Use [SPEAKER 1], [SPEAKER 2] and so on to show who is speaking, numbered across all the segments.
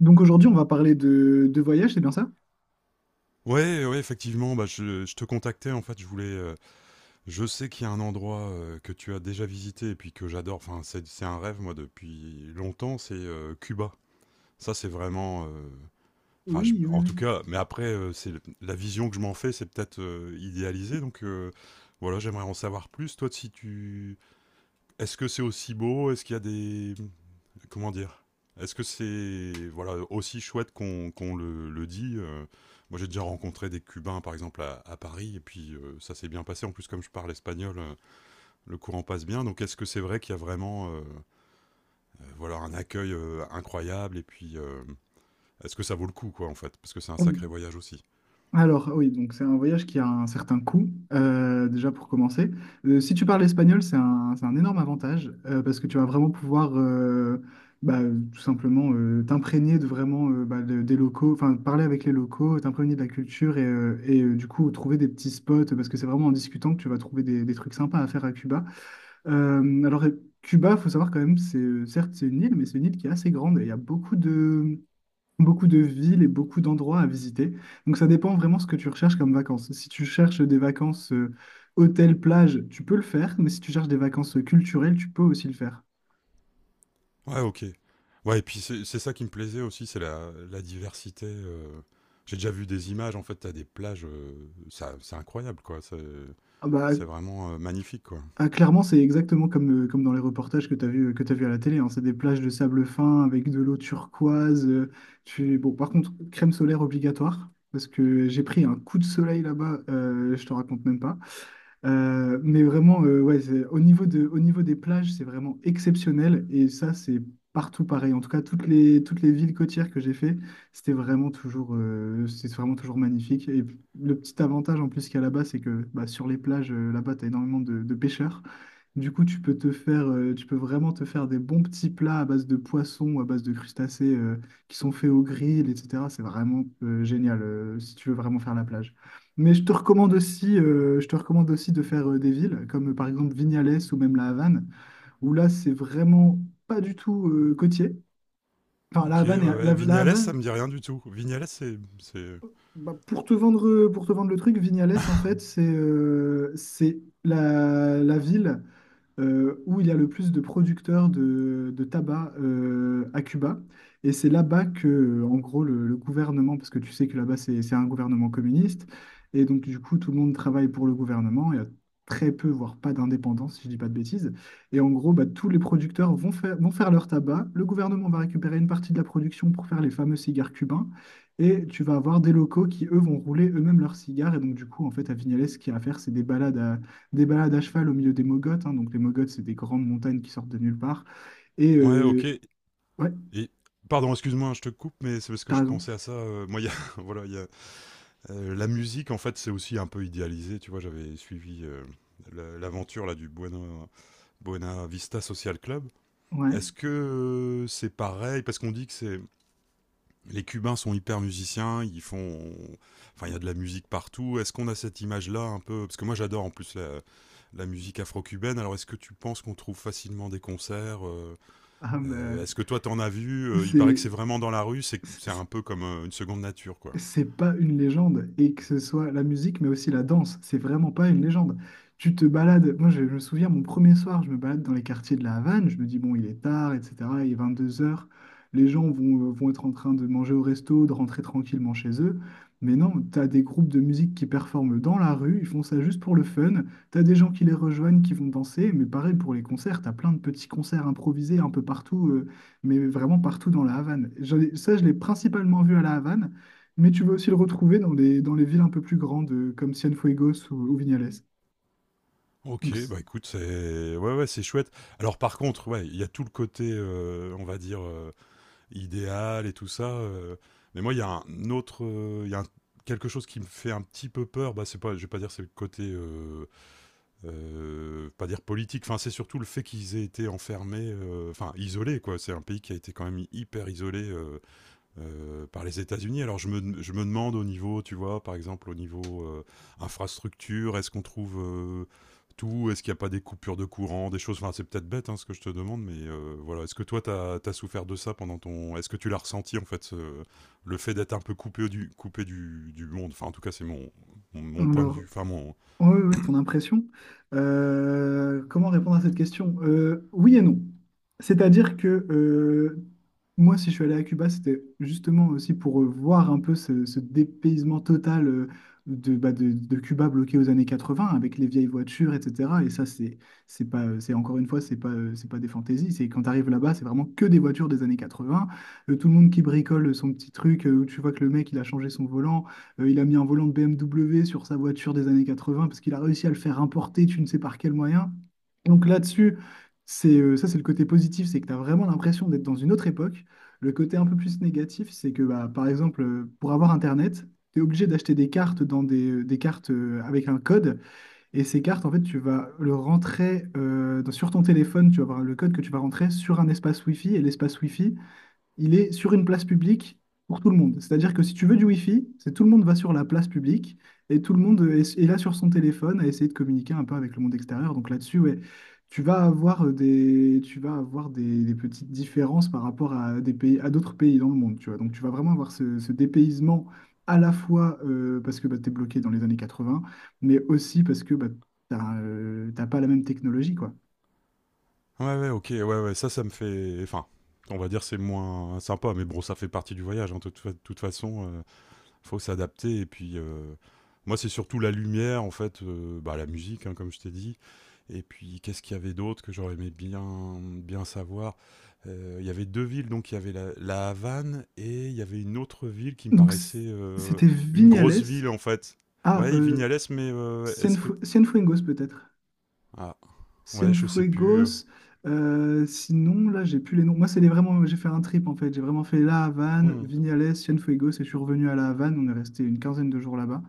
[SPEAKER 1] Donc aujourd'hui, on va parler de voyage, c'est bien ça?
[SPEAKER 2] Ouais, ouais, effectivement, bah, je te contactais en fait. Je voulais, je sais qu'il y a un endroit que tu as déjà visité et puis que j'adore. Enfin, c'est un rêve moi depuis longtemps. C'est Cuba. Ça, c'est vraiment.
[SPEAKER 1] Oui, oui,
[SPEAKER 2] En
[SPEAKER 1] oui.
[SPEAKER 2] tout cas. Mais après, c'est la vision que je m'en fais, c'est peut-être idéalisé. Voilà, j'aimerais en savoir plus. Toi, si tu, est-ce que c'est aussi beau? Est-ce qu'il y a des, comment dire, est-ce que c'est voilà aussi chouette qu'on le dit Moi, j'ai déjà rencontré des Cubains, par exemple, à Paris, et puis ça s'est bien passé. En plus, comme je parle espagnol, le courant passe bien. Donc, est-ce que c'est vrai qu'il y a vraiment voilà un accueil incroyable? Et puis, est-ce que ça vaut le coup, quoi, en fait? Parce que c'est un sacré
[SPEAKER 1] Hum.
[SPEAKER 2] voyage aussi.
[SPEAKER 1] Alors oui, donc c'est un voyage qui a un certain coût, déjà pour commencer. Si tu parles espagnol, c'est un énorme avantage parce que tu vas vraiment pouvoir bah, tout simplement t'imprégner de vraiment bah, des locaux, enfin parler avec les locaux, t'imprégner de la culture et du coup trouver des petits spots parce que c'est vraiment en discutant que tu vas trouver des trucs sympas à faire à Cuba. Cuba, faut savoir quand même, c'est certes c'est une île, mais c'est une île qui est assez grande et il y a beaucoup de villes et beaucoup d'endroits à visiter. Donc, ça dépend vraiment ce que tu recherches comme vacances. Si tu cherches des vacances hôtel, plage, tu peux le faire, mais si tu cherches des vacances culturelles, tu peux aussi le faire.
[SPEAKER 2] Ouais, ok. Ouais, et puis c'est ça qui me plaisait aussi, c'est la diversité. J'ai déjà vu des images, en fait, t'as des plages, c'est incroyable, quoi. C'est
[SPEAKER 1] Ah, bah,
[SPEAKER 2] c'est vraiment magnifique, quoi.
[SPEAKER 1] ah, clairement, c'est exactement comme, comme dans les reportages que tu as vu, que tu vu à la télé, hein. C'est des plages de sable fin avec de l'eau turquoise. Bon, par contre, crème solaire obligatoire, parce que j'ai pris un coup de soleil là-bas, je te raconte même pas. Mais vraiment, ouais, au niveau des plages, c'est vraiment exceptionnel. Et ça, c'est partout pareil. En tout cas, toutes les villes côtières que j'ai fait, c'était vraiment toujours, c'est vraiment toujours magnifique. Le petit avantage en plus qu'il y a là-bas, c'est que bah, sur les plages, là-bas, tu as énormément de pêcheurs. Du coup, tu peux vraiment te faire des bons petits plats à base de poissons, à base de crustacés, qui sont faits au grill, etc. C'est vraiment, génial, si tu veux vraiment faire la plage. Mais je te recommande aussi de faire des villes, comme par exemple Vignales ou même La Havane, où là, c'est vraiment pas du tout côtier. Enfin, La
[SPEAKER 2] OK, ouais,
[SPEAKER 1] Havane,
[SPEAKER 2] ouais.
[SPEAKER 1] La
[SPEAKER 2] Vignales, ça
[SPEAKER 1] Havane,
[SPEAKER 2] me dit rien du tout. Vignales, c'est...
[SPEAKER 1] bah, pour te vendre, le truc, Vignales, en fait, c'est la ville où il y a le plus de producteurs de tabac à Cuba. Et c'est là-bas que, en gros, le gouvernement, parce que tu sais que là-bas, c'est un gouvernement communiste, et donc, du coup, tout le monde travaille pour le gouvernement. Il y a très peu, voire pas d'indépendance, si je dis pas de bêtises. Et en gros, bah, tous les producteurs vont faire leur tabac. Le gouvernement va récupérer une partie de la production pour faire les fameux cigares cubains. Et tu vas avoir des locaux qui, eux, vont rouler eux-mêmes leurs cigares. Et donc, du coup, en fait, à Vignales, ce qu'il y a à faire, c'est des balades à cheval au milieu des mogotes, hein. Donc les mogotes, c'est des grandes montagnes qui sortent de nulle part. Et
[SPEAKER 2] Ouais, OK.
[SPEAKER 1] euh, ouais,
[SPEAKER 2] Et pardon, excuse-moi, je te coupe, mais c'est parce que
[SPEAKER 1] t'as
[SPEAKER 2] je
[SPEAKER 1] raison.
[SPEAKER 2] pensais à ça, moi, il y a voilà, la musique, en fait, c'est aussi un peu idéalisé, tu vois? J'avais suivi, le l'aventure, là, du Buena Vista Social Club. Est-ce
[SPEAKER 1] Ouais.
[SPEAKER 2] que, c'est pareil? Parce qu'on dit que c'est les Cubains sont hyper musiciens, ils font, enfin il y a de la musique partout. Est-ce qu'on a cette image-là un peu? Parce que moi j'adore en plus la musique afro-cubaine. Alors est-ce que tu penses qu'on trouve facilement des concerts?
[SPEAKER 1] Ah, mais, euh,
[SPEAKER 2] Est-ce que toi t'en as vu? Il paraît que
[SPEAKER 1] c'est,
[SPEAKER 2] c'est vraiment dans la rue, c'est
[SPEAKER 1] c'est-
[SPEAKER 2] un peu comme une seconde nature quoi.
[SPEAKER 1] c'est pas une légende, et que ce soit la musique, mais aussi la danse, c'est vraiment pas une légende. Tu te balades, je me souviens, mon premier soir, je me balade dans les quartiers de la Havane, je me dis, bon, il est tard, etc., il est 22 heures. Les gens vont être en train de manger au resto, de rentrer tranquillement chez eux, mais non, t'as des groupes de musique qui performent dans la rue, ils font ça juste pour le fun, t'as des gens qui les rejoignent, qui vont danser, mais pareil pour les concerts, t'as plein de petits concerts improvisés un peu partout, mais vraiment partout dans la Havane. Ça, je l'ai principalement vu à la Havane, mais tu vas aussi le retrouver dans dans les villes un peu plus grandes, comme Cienfuegos ou Vignales.
[SPEAKER 2] Ok,
[SPEAKER 1] Donc, c-
[SPEAKER 2] bah écoute, c'est ouais ouais c'est chouette. Alors par contre, ouais, il y a tout le côté, on va dire, idéal et tout ça. Mais moi, il y a un autre, il y a un- quelque chose qui me fait un petit peu peur. Bah, c'est pas, je vais pas dire c'est le côté, pas dire politique. Enfin, c'est surtout le fait qu'ils aient été enfermés, enfin isolés quoi. C'est un pays qui a été quand même hyper isolé par les États-Unis. Alors je me demande au niveau, tu vois, par exemple au niveau infrastructure, est-ce qu'on trouve tout? Est-ce qu'il n'y a pas des coupures de courant, des choses? Enfin, c'est peut-être bête hein, ce que je te demande, mais voilà. Est-ce que toi, tu as souffert de ça pendant ton... Est-ce que tu l'as ressenti, en fait, le fait d'être un peu coupé du, du monde? Enfin, en tout cas, c'est mon point de
[SPEAKER 1] alors,
[SPEAKER 2] vue. Enfin, mon.
[SPEAKER 1] Ouais, ouais, ouais, ton impression. Comment répondre à cette question? Oui et non. C'est-à-dire que moi, si je suis allé à Cuba, c'était justement aussi pour voir un peu ce dépaysement total bah, de Cuba bloqué aux années 80 avec les vieilles voitures, etc. Et ça, c'est pas, c'est encore une fois, c'est pas des fantaisies. C'est quand tu arrives là-bas, c'est vraiment que des voitures des années 80. Tout le monde qui bricole son petit truc, où tu vois que le mec, il a changé son volant. Il a mis un volant de BMW sur sa voiture des années 80 parce qu'il a réussi à le faire importer, tu ne sais par quel moyen. Donc là-dessus, c'est ça, c'est le côté positif, c'est que tu as vraiment l'impression d'être dans une autre époque. Le côté un peu plus négatif, c'est que bah, par exemple, pour avoir Internet, tu es obligé d'acheter des cartes des cartes avec un code. Et ces cartes, en fait, tu vas le rentrer sur ton téléphone, tu vas avoir le code que tu vas rentrer sur un espace Wi-Fi. Et l'espace Wi-Fi, il est sur une place publique pour tout le monde. C'est-à-dire que si tu veux du Wi-Fi, c'est tout le monde va sur la place publique et tout le monde est là sur son téléphone à essayer de communiquer un peu avec le monde extérieur. Donc là-dessus, ouais, tu vas avoir des petites différences par rapport à des pays, à d'autres pays dans le monde, tu vois. Donc tu vas vraiment avoir ce dépaysement à la fois parce que bah, tu es bloqué dans les années 80, mais aussi parce que bah, t'as pas la même technologie, quoi.
[SPEAKER 2] Ouais, ouais, ok, ouais, ouais, ça me fait. Enfin, on va dire, c'est moins sympa, mais bon, ça fait partie du voyage, hein, de toute façon. Faut s'adapter. Et puis, moi, c'est surtout la lumière, en fait, bah, la musique, hein, comme je t'ai dit. Et puis, qu'est-ce qu'il y avait d'autre que j'aurais aimé bien, bien savoir? Il y avait deux villes, donc il y avait la Havane et il y avait une autre ville qui me
[SPEAKER 1] Donc
[SPEAKER 2] paraissait
[SPEAKER 1] c- C'était
[SPEAKER 2] une grosse
[SPEAKER 1] Vignales.
[SPEAKER 2] ville, en fait.
[SPEAKER 1] Ah,
[SPEAKER 2] Ouais,
[SPEAKER 1] euh,
[SPEAKER 2] Vignales, mais est-ce que...
[SPEAKER 1] Cienfuegos peut-être.
[SPEAKER 2] Ah, ouais, je sais plus.
[SPEAKER 1] Cienfuegos. Sinon, là, j'ai plus les noms. Moi, c'est les vraiment. J'ai fait un trip en fait. J'ai vraiment fait La Havane,
[SPEAKER 2] Hmm.
[SPEAKER 1] Vignales, Cienfuegos et je suis revenu à La Havane. On est resté une quinzaine de jours là-bas.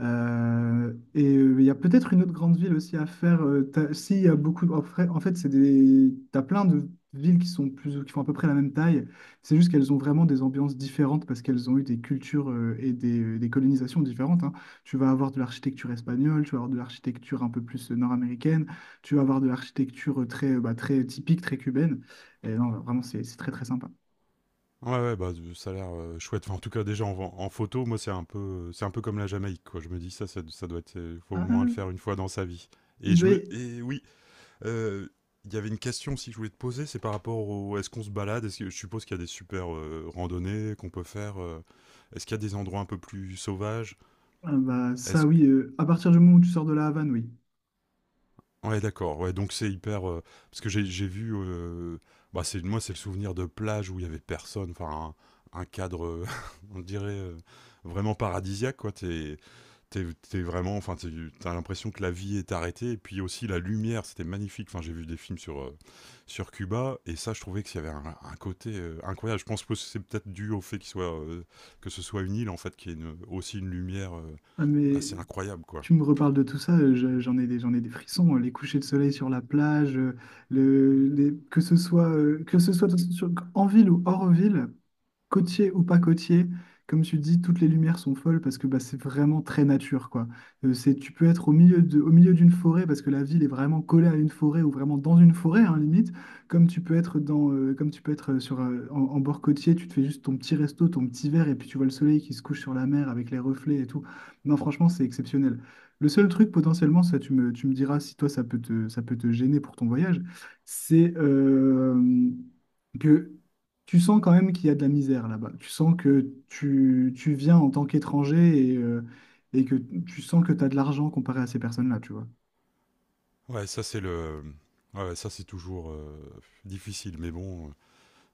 [SPEAKER 1] Il y a peut-être une autre grande ville aussi à faire. Si, il y a beaucoup. En fait, c'est des. T'as plein de villes qui sont plus, qui font à peu près la même taille. C'est juste qu'elles ont vraiment des ambiances différentes parce qu'elles ont eu des cultures et des colonisations différentes, hein. Tu vas avoir de l'architecture espagnole, tu vas avoir de l'architecture un peu plus nord-américaine, tu vas avoir de l'architecture bah, très typique, très cubaine. Et non, vraiment, c'est très très sympa.
[SPEAKER 2] Ouais, ouais, bah, z ça a l'air, chouette. Enfin, en tout cas, déjà, en en photo, moi, c'est un peu comme la Jamaïque, quoi. Je me dis: «Ça, ça doit être, faut au
[SPEAKER 1] Ah,
[SPEAKER 2] moins le faire une fois dans sa vie.»
[SPEAKER 1] il
[SPEAKER 2] Et je
[SPEAKER 1] doit.
[SPEAKER 2] me
[SPEAKER 1] y-
[SPEAKER 2] et oui, heu, il y avait une question aussi que je voulais te poser, c'est par rapport au, est-ce qu'on se balade? Est-ce que, je suppose qu'il y a des super, randonnées qu'on peut faire, est-ce qu'il y a des endroits un peu plus sauvages?
[SPEAKER 1] ah, bah, ça,
[SPEAKER 2] Est-ce
[SPEAKER 1] oui. À partir du moment où tu sors de la Havane, oui.
[SPEAKER 2] Ouais, d'accord. Ouais, donc c'est hyper, parce que j'ai vu, bah, c'est moi, c'est le souvenir de plage où il y avait personne, enfin un cadre, on dirait, vraiment paradisiaque quoi. T'es vraiment, enfin tu l'impression que la vie est arrêtée et puis aussi la lumière, c'était magnifique. Enfin, j'ai vu des films sur, sur Cuba et ça, je trouvais qu'il y avait un côté, incroyable. Je pense que c'est peut-être dû au fait qu'il soit, que ce soit une île en fait, qui est aussi une lumière,
[SPEAKER 1] Ah, mais
[SPEAKER 2] assez incroyable quoi.
[SPEAKER 1] tu me reparles de tout ça, j'en ai j'en ai des frissons. Les couchers de soleil sur la plage, que ce soit, en ville ou hors ville, côtier ou pas côtier, comme tu dis, toutes les lumières sont folles parce que bah, c'est vraiment très nature, quoi. Tu peux être au milieu d'une forêt parce que la ville est vraiment collée à une forêt ou vraiment dans une forêt, hein, limite. Comme tu peux être comme tu peux être en bord côtier, tu te fais juste ton petit resto, ton petit verre et puis tu vois le soleil qui se couche sur la mer avec les reflets et tout. Non, franchement, c'est exceptionnel. Le seul truc potentiellement, ça, tu me diras si toi ça peut te gêner pour ton voyage, c'est que tu sens quand même qu'il y a de la misère là-bas. Tu sens que tu viens en tant qu'étranger et que tu sens que tu as de l'argent comparé à ces personnes-là, tu vois.
[SPEAKER 2] Ouais, ouais, ça c'est toujours difficile, mais bon, euh,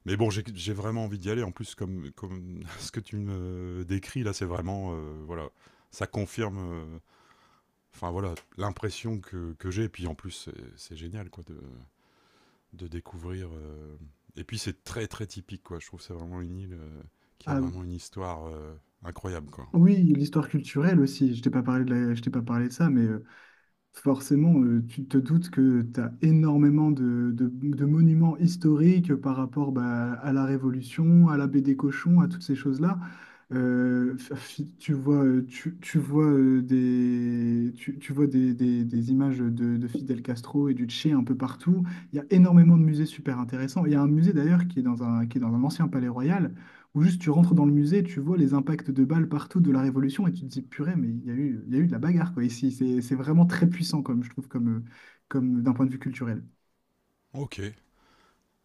[SPEAKER 2] mais bon, j'ai vraiment envie d'y aller. En plus, comme ce que tu me décris là, c'est vraiment, voilà, ça confirme, enfin voilà, l'impression que j'ai. Et puis en plus, c'est génial quoi de découvrir. Et puis c'est très très typique quoi. Je trouve que c'est vraiment une île qui a
[SPEAKER 1] Ah,
[SPEAKER 2] vraiment une histoire incroyable quoi.
[SPEAKER 1] oui, l'histoire culturelle aussi. Je t'ai pas parlé de ça, mais forcément, tu te doutes que tu as énormément de monuments historiques par rapport bah, à la Révolution, à l'abbé des cochons, à toutes ces choses-là. Euh, f- Tu vois, tu vois, tu vois des images de Fidel Castro et du Che un peu partout. Il y a énormément de musées super intéressants. Il y a un musée d'ailleurs qui est qui est dans un ancien palais royal ou juste tu rentres dans le musée, tu vois les impacts de balles partout de la Révolution et tu te dis purée, mais il y a eu de la bagarre quoi ici. C'est vraiment très puissant comme je trouve comme, comme d'un point de vue culturel.
[SPEAKER 2] Ok.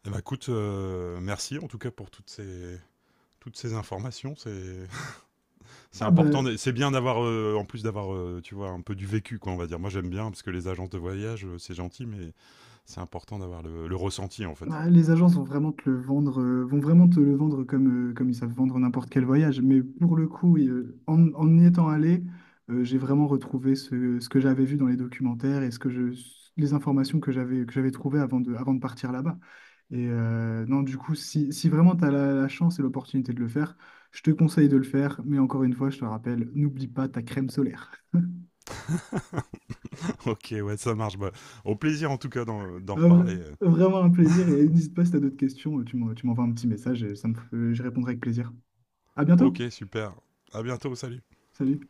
[SPEAKER 2] Eh ben écoute, merci en tout cas pour toutes ces informations. C'est
[SPEAKER 1] Ah, bah,
[SPEAKER 2] important, c'est bien d'avoir, en plus d'avoir, tu vois, un peu du vécu, quoi, on va dire. Moi, j'aime bien, parce que les agences de voyage, c'est gentil, mais c'est important d'avoir le ressenti, en fait.
[SPEAKER 1] ah, les agences vont vraiment te le vendre, comme, comme ils savent vendre n'importe quel voyage. Mais pour le coup, en y étant allé, j'ai vraiment retrouvé ce que j'avais vu dans les documentaires et ce que je, les informations que j'avais trouvées avant de partir là-bas. Non, du coup, si vraiment tu as la chance et l'opportunité de le faire, je te conseille de le faire. Mais encore une fois, je te rappelle, n'oublie pas ta crème solaire.
[SPEAKER 2] Ok, ouais, ça marche. Bah, au plaisir, en tout cas, d'en
[SPEAKER 1] Un vrai-
[SPEAKER 2] reparler.
[SPEAKER 1] Vraiment un plaisir. Et n'hésite pas si tu as d'autres questions, tu m'envoies un petit message et ça me, je répondrai avec plaisir. À bientôt.
[SPEAKER 2] Ok, super. À bientôt, salut.
[SPEAKER 1] Salut.